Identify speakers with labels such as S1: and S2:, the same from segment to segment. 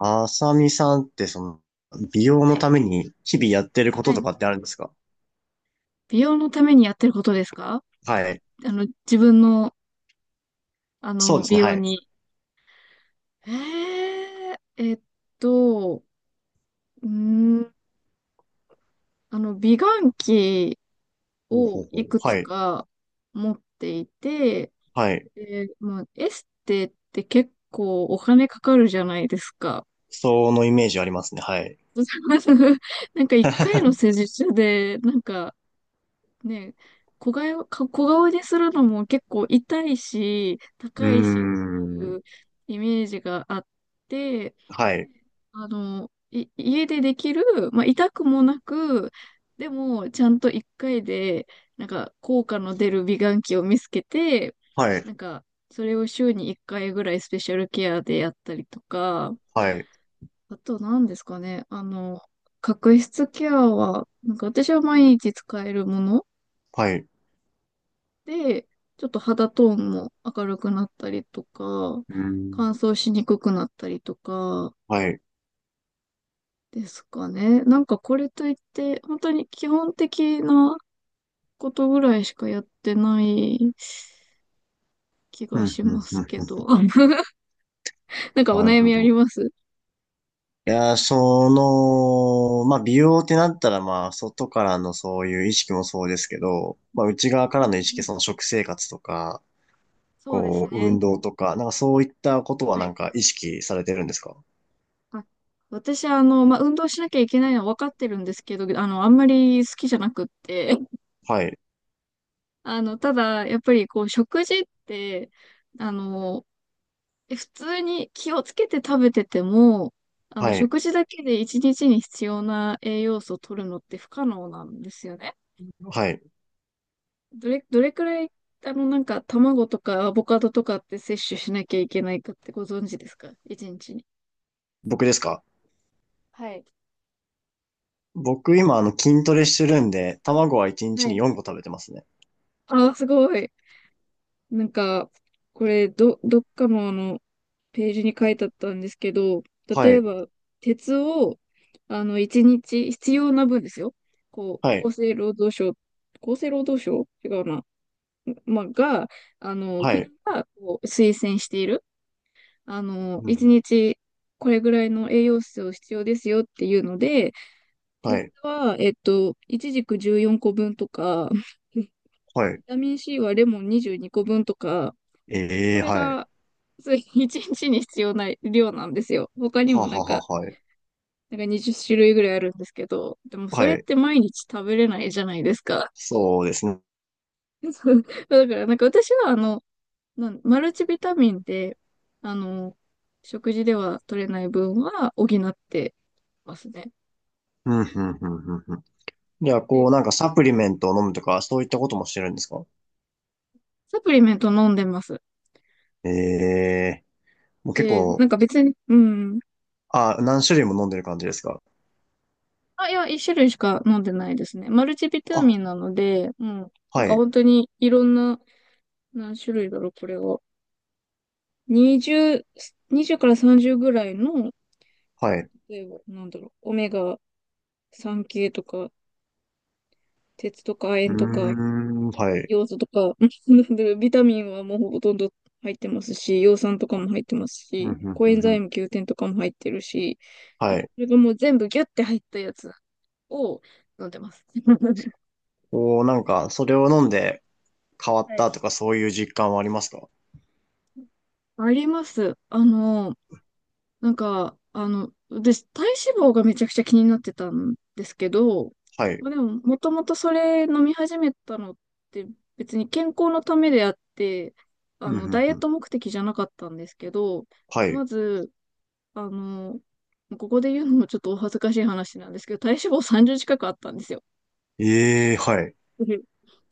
S1: あさみさんって美容
S2: は
S1: の
S2: い。
S1: ために日々やってるこ
S2: は
S1: と
S2: い。
S1: とかってあるんですか？
S2: 美容のためにやってることですか？
S1: はい。
S2: 自分の、
S1: そうです
S2: 美
S1: ね、は
S2: 容
S1: い。
S2: に。えー、えっと、うーん、美顔器
S1: ほうほ
S2: を
S1: うほ
S2: い
S1: う。
S2: くつ
S1: はい。
S2: か持っていて、
S1: はい。
S2: で、まあ、エステって結構お金かかるじゃないですか。
S1: そのイメージありますね、はい。
S2: なんか一回の施術で、なんかね、小顔にするのも結構痛いし、
S1: うー
S2: 高いしってい
S1: ん。
S2: うイメージがあって、
S1: はい。
S2: 家でできる、まあ、痛くもなく、でも、ちゃんと一回で、なんか、効果の出る美顔器を見つけて、
S1: はい。
S2: なんか、それを週に一回ぐらいスペシャルケアでやったりとか、
S1: はい。
S2: あと何ですかね、角質ケアは、なんか私は毎日使えるもの
S1: はい。う
S2: で、ちょっと肌トーンも明るくなったりとか、
S1: ーん。
S2: 乾燥しにくくなったりとか
S1: はい。
S2: ですかね。なんかこれといって、本当に基本的なことぐらいしかやってない気
S1: うん、
S2: が
S1: うん、
S2: し
S1: うん、うん。
S2: ますけど。なんかお
S1: なる
S2: 悩
S1: ほ
S2: みあり
S1: ど。
S2: ます？
S1: いやー、まあ、美容ってなったら、まあ、外からのそういう意識もそうですけど、まあ、内側からの意識、その食生活とか、
S2: そうです
S1: こう、
S2: ね。
S1: 運動とか、なんかそういったことは
S2: は
S1: な
S2: い。
S1: んか意識されてるんですか？
S2: あ、私、まあ、運動しなきゃいけないのは分かってるんですけど、あんまり好きじゃなくって、
S1: はい、
S2: ただ、やっぱりこう、食事って、あの、普通に気をつけて食べてても、
S1: はい、
S2: 食事だけで一日に必要な栄養素を取るのって不可能なんですよね。
S1: はい。
S2: どれくらい、なんか、卵とかアボカドとかって摂取しなきゃいけないかってご存知ですか一日に？
S1: 僕ですか？
S2: はい。
S1: 僕今筋トレしてるんで、卵は1
S2: は
S1: 日に
S2: い。
S1: 4個食べてますね。
S2: あーすごい。なんか、これ、どっかのページに書いてあったんですけど、例
S1: は
S2: え
S1: い、
S2: ば、鉄を、一日、必要な分ですよ。こ
S1: は
S2: う、
S1: い、
S2: 厚生労働省、厚生労働省違うな。まあ、が、あの、
S1: は
S2: 国
S1: い、
S2: がこう推薦している、
S1: う
S2: 一
S1: ん、
S2: 日、これぐらいの栄養素を必要ですよっていうので、
S1: は
S2: 鉄
S1: い、
S2: は、いちじく14個分とか、ビ
S1: はい。
S2: タミン C はレモン22個分とか、
S1: え
S2: こ
S1: え、
S2: れ
S1: はい。
S2: が、そう一日にちに必要な量なんですよ。他に
S1: は
S2: もな
S1: は
S2: ん
S1: はは、
S2: か、
S1: はい。
S2: なんか20種類ぐらいあるんですけど、でもそ
S1: は
S2: れっ
S1: い。
S2: て毎日食べれないじゃないですか。
S1: そうですね。
S2: そう。だからなんか私はマルチビタミンで、あの、食事では取れない分は補ってますね。
S1: うん、うん、うん、うん。うん。じゃあ、こ
S2: で、
S1: う、なんかサプリメントを飲むとか、そういったこともしてるんですか？
S2: サプリメント飲んでます。
S1: ええ、もう結
S2: で、
S1: 構、
S2: なんか別に、うん。
S1: あ、何種類も飲んでる感じですか？
S2: あ、いや、一種類しか飲んでないですね。マルチビタミン
S1: あ、
S2: なので、うん。なん
S1: は
S2: か
S1: い、
S2: 本当にいろんな、何種類だろう、これは。20、20から30ぐらいの、
S1: はい。
S2: 例えば、なんだろう、オメガ3系とか、鉄とか亜
S1: うー
S2: 鉛とか、
S1: ん、はい。
S2: ヨウ素とか、なんだろうビタミンはもうほとんど入ってますし、葉酸とかも入ってます
S1: うん、
S2: し、
S1: うん、
S2: コ
S1: う
S2: エン
S1: ん、う
S2: ザイ
S1: ん、
S2: ム Q10 とかも入ってるし、なん
S1: は
S2: か
S1: い。
S2: それがもう全部ギュッて入ったやつを飲んでます。
S1: こう、なんか、それを飲んで変わっ
S2: はい。
S1: たとか、そういう実感はありますか？
S2: あります。なんか、私、体脂肪がめちゃくちゃ気になってたんですけど、
S1: はい。
S2: まあ、でも、もともとそれ飲み始めたのって別に健康のためであって、
S1: うん、う
S2: ダ
S1: ん、
S2: イエ
S1: う
S2: ット
S1: ん。
S2: 目的じゃなかったんですけど、
S1: はい。
S2: まず、あの、ここで言うのもちょっとお恥ずかしい話なんですけど、体脂肪30近くあったんですよ。
S1: ええ、はい。
S2: うん。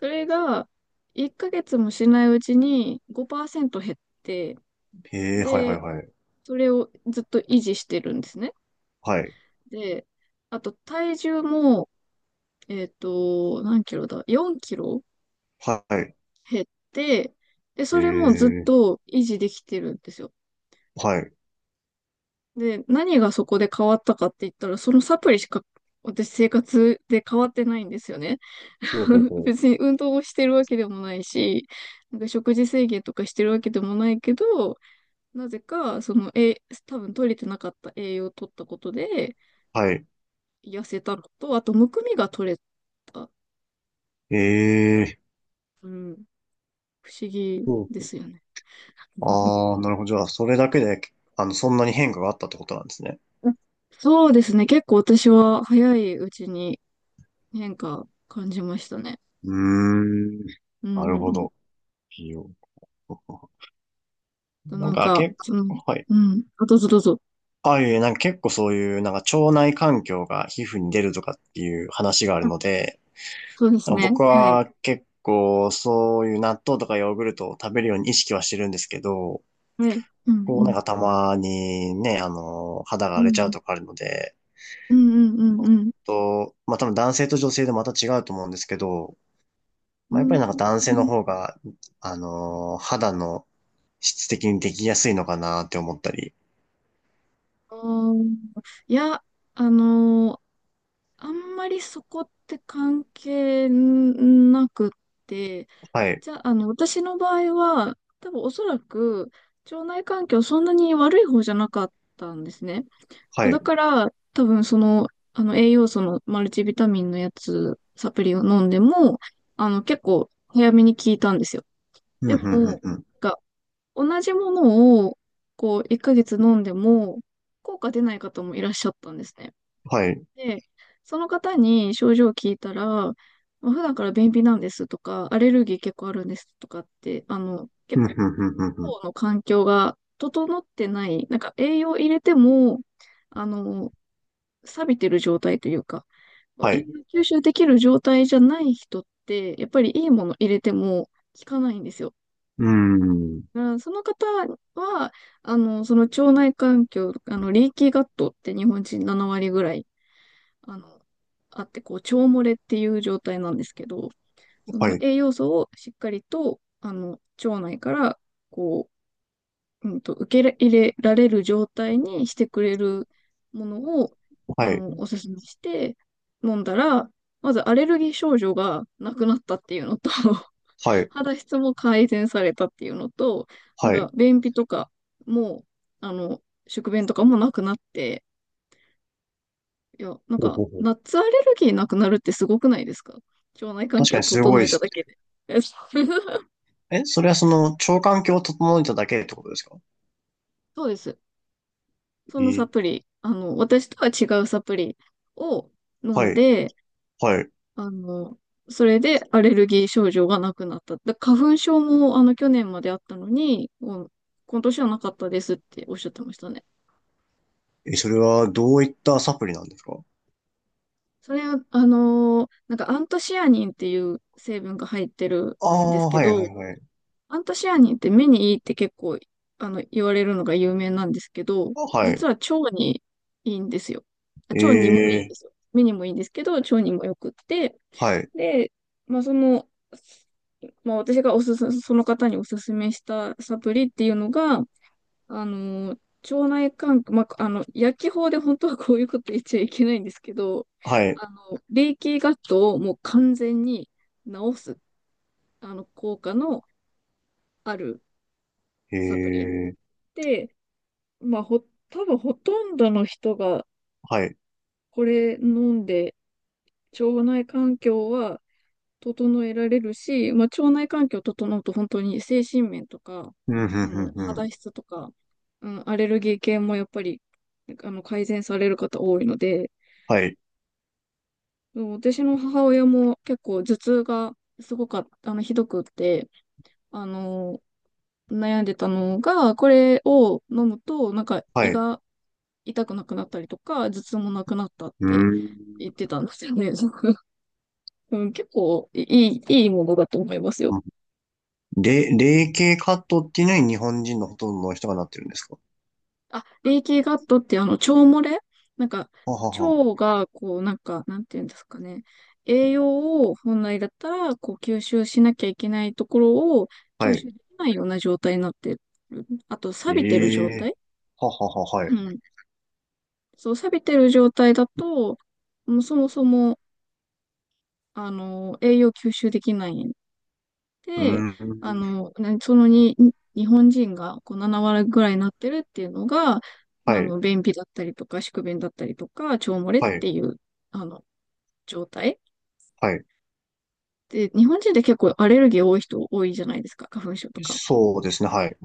S2: それが、1ヶ月もしないうちに5%減って、
S1: ええ、はい、は
S2: で、
S1: い、はい。
S2: それをずっと維持してるんですね。
S1: はい。
S2: で、あと体重も、何キロだ？ 4 キロ
S1: はい。
S2: 減って、で、
S1: え
S2: それもずっ
S1: え、
S2: と維持できてるんですよ。
S1: はい。
S2: で、何がそこで変わったかって言ったら、そのサプリしか私生活で変わってないんですよね。
S1: ほうほう ほう。
S2: 別に運動をしてるわけでもないし、なんか食事制限とかしてるわけでもないけど、なぜか、その、多分取れてなかった栄養を取ったことで、
S1: はい。
S2: 痩せたのと、あと、むくみが取れた。
S1: ええ、
S2: うん。不思議
S1: ほう
S2: で
S1: ほ
S2: すよね。
S1: う。ああ、なるほど。じゃあ、それだけで、そんなに変化があったってことなんですね。
S2: そうですね。結構私は早いうちに変化感じましたね。
S1: うーん。
S2: うん
S1: なる
S2: う
S1: ほ
S2: んうん。
S1: ど。いいよ。
S2: と
S1: な
S2: な
S1: ん
S2: ん
S1: か、
S2: か、その、
S1: はい。
S2: うん。あ、どうぞどうぞ。
S1: ああいう、なんか結構そういう、なんか腸内環境が皮膚に出るとかっていう話がある
S2: あ、
S1: ので、
S2: そうです
S1: なんか僕
S2: ね。はい。
S1: は結構そういう納豆とかヨーグルトを食べるように意識はしてるんですけど、
S2: はい。うん
S1: こう
S2: う
S1: なん
S2: ん。
S1: かたまにね、肌が
S2: うん
S1: 荒
S2: う
S1: れちゃう
S2: ん。
S1: とかあるので、
S2: うんうんう
S1: ちょ
S2: ん
S1: っ
S2: うん。
S1: と、まあ多分男性と女性でまた違うと思うんですけど、
S2: う
S1: まあやっぱり
S2: ん。
S1: なんか男性の方が、肌の質的にできやすいのかなって思ったり、
S2: あーいや、あのーあんまりそこって関係なくって、
S1: はい、
S2: じゃあ、私の場合は、多分おそらく、腸内環境そんなに悪い方じゃなかったんですね。
S1: はい、
S2: だから、多分その、栄養素のマルチビタミンのやつ、サプリを飲んでも、結構早めに効いたんですよ。
S1: うん、う
S2: で
S1: ん、うん、
S2: も、
S1: うん、
S2: なんか、同じものを、こう、1ヶ月飲んでも、効果出ない方もいらっしゃったんですね。
S1: はい、
S2: で、その方に症状を聞いたら、まあ、普段から便秘なんですとか、アレルギー結構あるんですとかって、
S1: う
S2: 結
S1: ん、う
S2: 構
S1: ん、うん、うん。うん、
S2: の環境が整ってない、なんか栄養入れても、あの、錆びてる状態というか、
S1: は
S2: 栄
S1: い。う
S2: 養吸収できる状態じゃない人って、やっぱりいいもの入れても効かないんですよ。
S1: ーん。
S2: だからその方は、その腸内環境、リーキーガットって日本人7割ぐらいあの、あって、こう、腸漏れっていう状態なんですけど、そ
S1: は
S2: の
S1: い。
S2: 栄養素をしっかりと、腸内から、こう、受け入れられる状態にしてくれるものを、
S1: はい。
S2: おすすめして飲んだら、まずアレルギー症状がなくなったっていうのと
S1: はい。
S2: 肌質も改善されたっていうのと、なん
S1: はい。
S2: か、便秘とかも、あの、宿便とかもなくなって、いや、なん
S1: ほうほ
S2: か、
S1: うほう。
S2: ナッツアレルギーなくなるってすごくないですか？腸内環
S1: 確か
S2: 境
S1: にすご
S2: 整
S1: いっ
S2: えた
S1: す。
S2: だけで。そう。
S1: え、それは腸環境を整えただけってことですか？
S2: そうです。そ
S1: え
S2: のサプ
S1: ー、
S2: リ、私とは違うサプリを飲
S1: は
S2: ん
S1: い。
S2: で、
S1: はい。
S2: あの、それでアレルギー症状がなくなった。花粉症も、去年まであったのに、もう今年はなかったですっておっしゃってましたね。
S1: え、それはどういったサプリなんですか？
S2: それ、なんかアントシアニンっていう成分が入ってる
S1: あ、
S2: んです
S1: あー、
S2: け
S1: はい、
S2: ど、
S1: はい、はい。
S2: アントシアニンって目にいいって結構、言われるのが有名なんですけど、
S1: あ、は
S2: 実
S1: い。
S2: は腸にいいんですよ。あ、
S1: え
S2: 腸にもいいんで
S1: ー、
S2: すよ。目にもいいんですけど、腸にもよくって、
S1: はい。
S2: で、まあ、その、まあ、私がおすす、その方におすすめしたサプリっていうのが、あの、腸内環境、まあ、薬機法で本当はこういうこと言っちゃいけないんですけど、
S1: はい。
S2: レーキーガットをもう完全に治す、効果のある
S1: え
S2: サプリ。
S1: ー、
S2: で、まあ、多分ほとんどの人が
S1: はい。
S2: これ飲んで、腸内環境は整えられるし、まあ、腸内環境整うと本当に精神面とか、
S1: うん、ふん、ふん、ふ
S2: 肌
S1: ん。
S2: 質とか、うん、アレルギー系もやっぱり、改善される方多いので、
S1: はい。
S2: うん、私の母親も結構頭痛がすごかった、ひどくって、あの、悩んでたのが、これを飲むと、なんか
S1: は
S2: 胃
S1: い。
S2: が痛くなくなったりとか、頭痛もなくなったっ
S1: うー
S2: て
S1: ん。
S2: 言ってたんですよね。うん、結構いいものだと思いますよ。
S1: 霊系カットっていうのに日本人のほとんどの人がなってるんですか？
S2: あ、レイキーガットって腸漏れなんか、
S1: ははは。
S2: 腸がこうなんか、なんていうんですかね。栄養を本来だったらこう吸収しなきゃいけないところを
S1: は
S2: 吸
S1: い。
S2: 収できないような状態になってる。あと、
S1: え
S2: 錆びてる状
S1: え、
S2: 態。
S1: ははは、はい。
S2: う
S1: う
S2: ん。そう、錆びてる状態だと、もうそもそも、栄養吸収できない
S1: ー
S2: で、あ
S1: ん。
S2: の、なそのに、に日本人がこう7割ぐらいになってるっていうのが、ま
S1: は
S2: あ、
S1: い、
S2: 便秘だったりとか、宿便だったりとか、腸漏れっ
S1: はい、
S2: ていう、あの、状態。
S1: はい。
S2: で、日本人って結構アレルギー多い人多いじゃないですか、花粉症とか。
S1: そうですね、はい。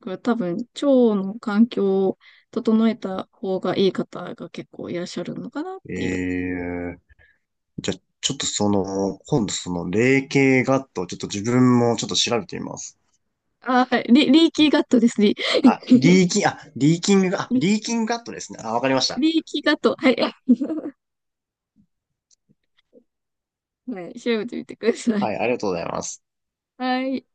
S2: これ多分、腸の環境を整えた方がいい方が結構いらっしゃるのかなっ
S1: え
S2: ていう。
S1: え、じゃあ、ちょっと今度霊系ガット、ちょっと自分もちょっと調べてみます。
S2: あ、はい、リーキーガットですね。リ、
S1: あ、リ ーキン、あ、リーキング、あ、
S2: リ
S1: リーキングガットですね。あ、わかりました。
S2: リーキーガット。はい。はい、調べてみてください。
S1: はい、ありがとうございます。
S2: はい。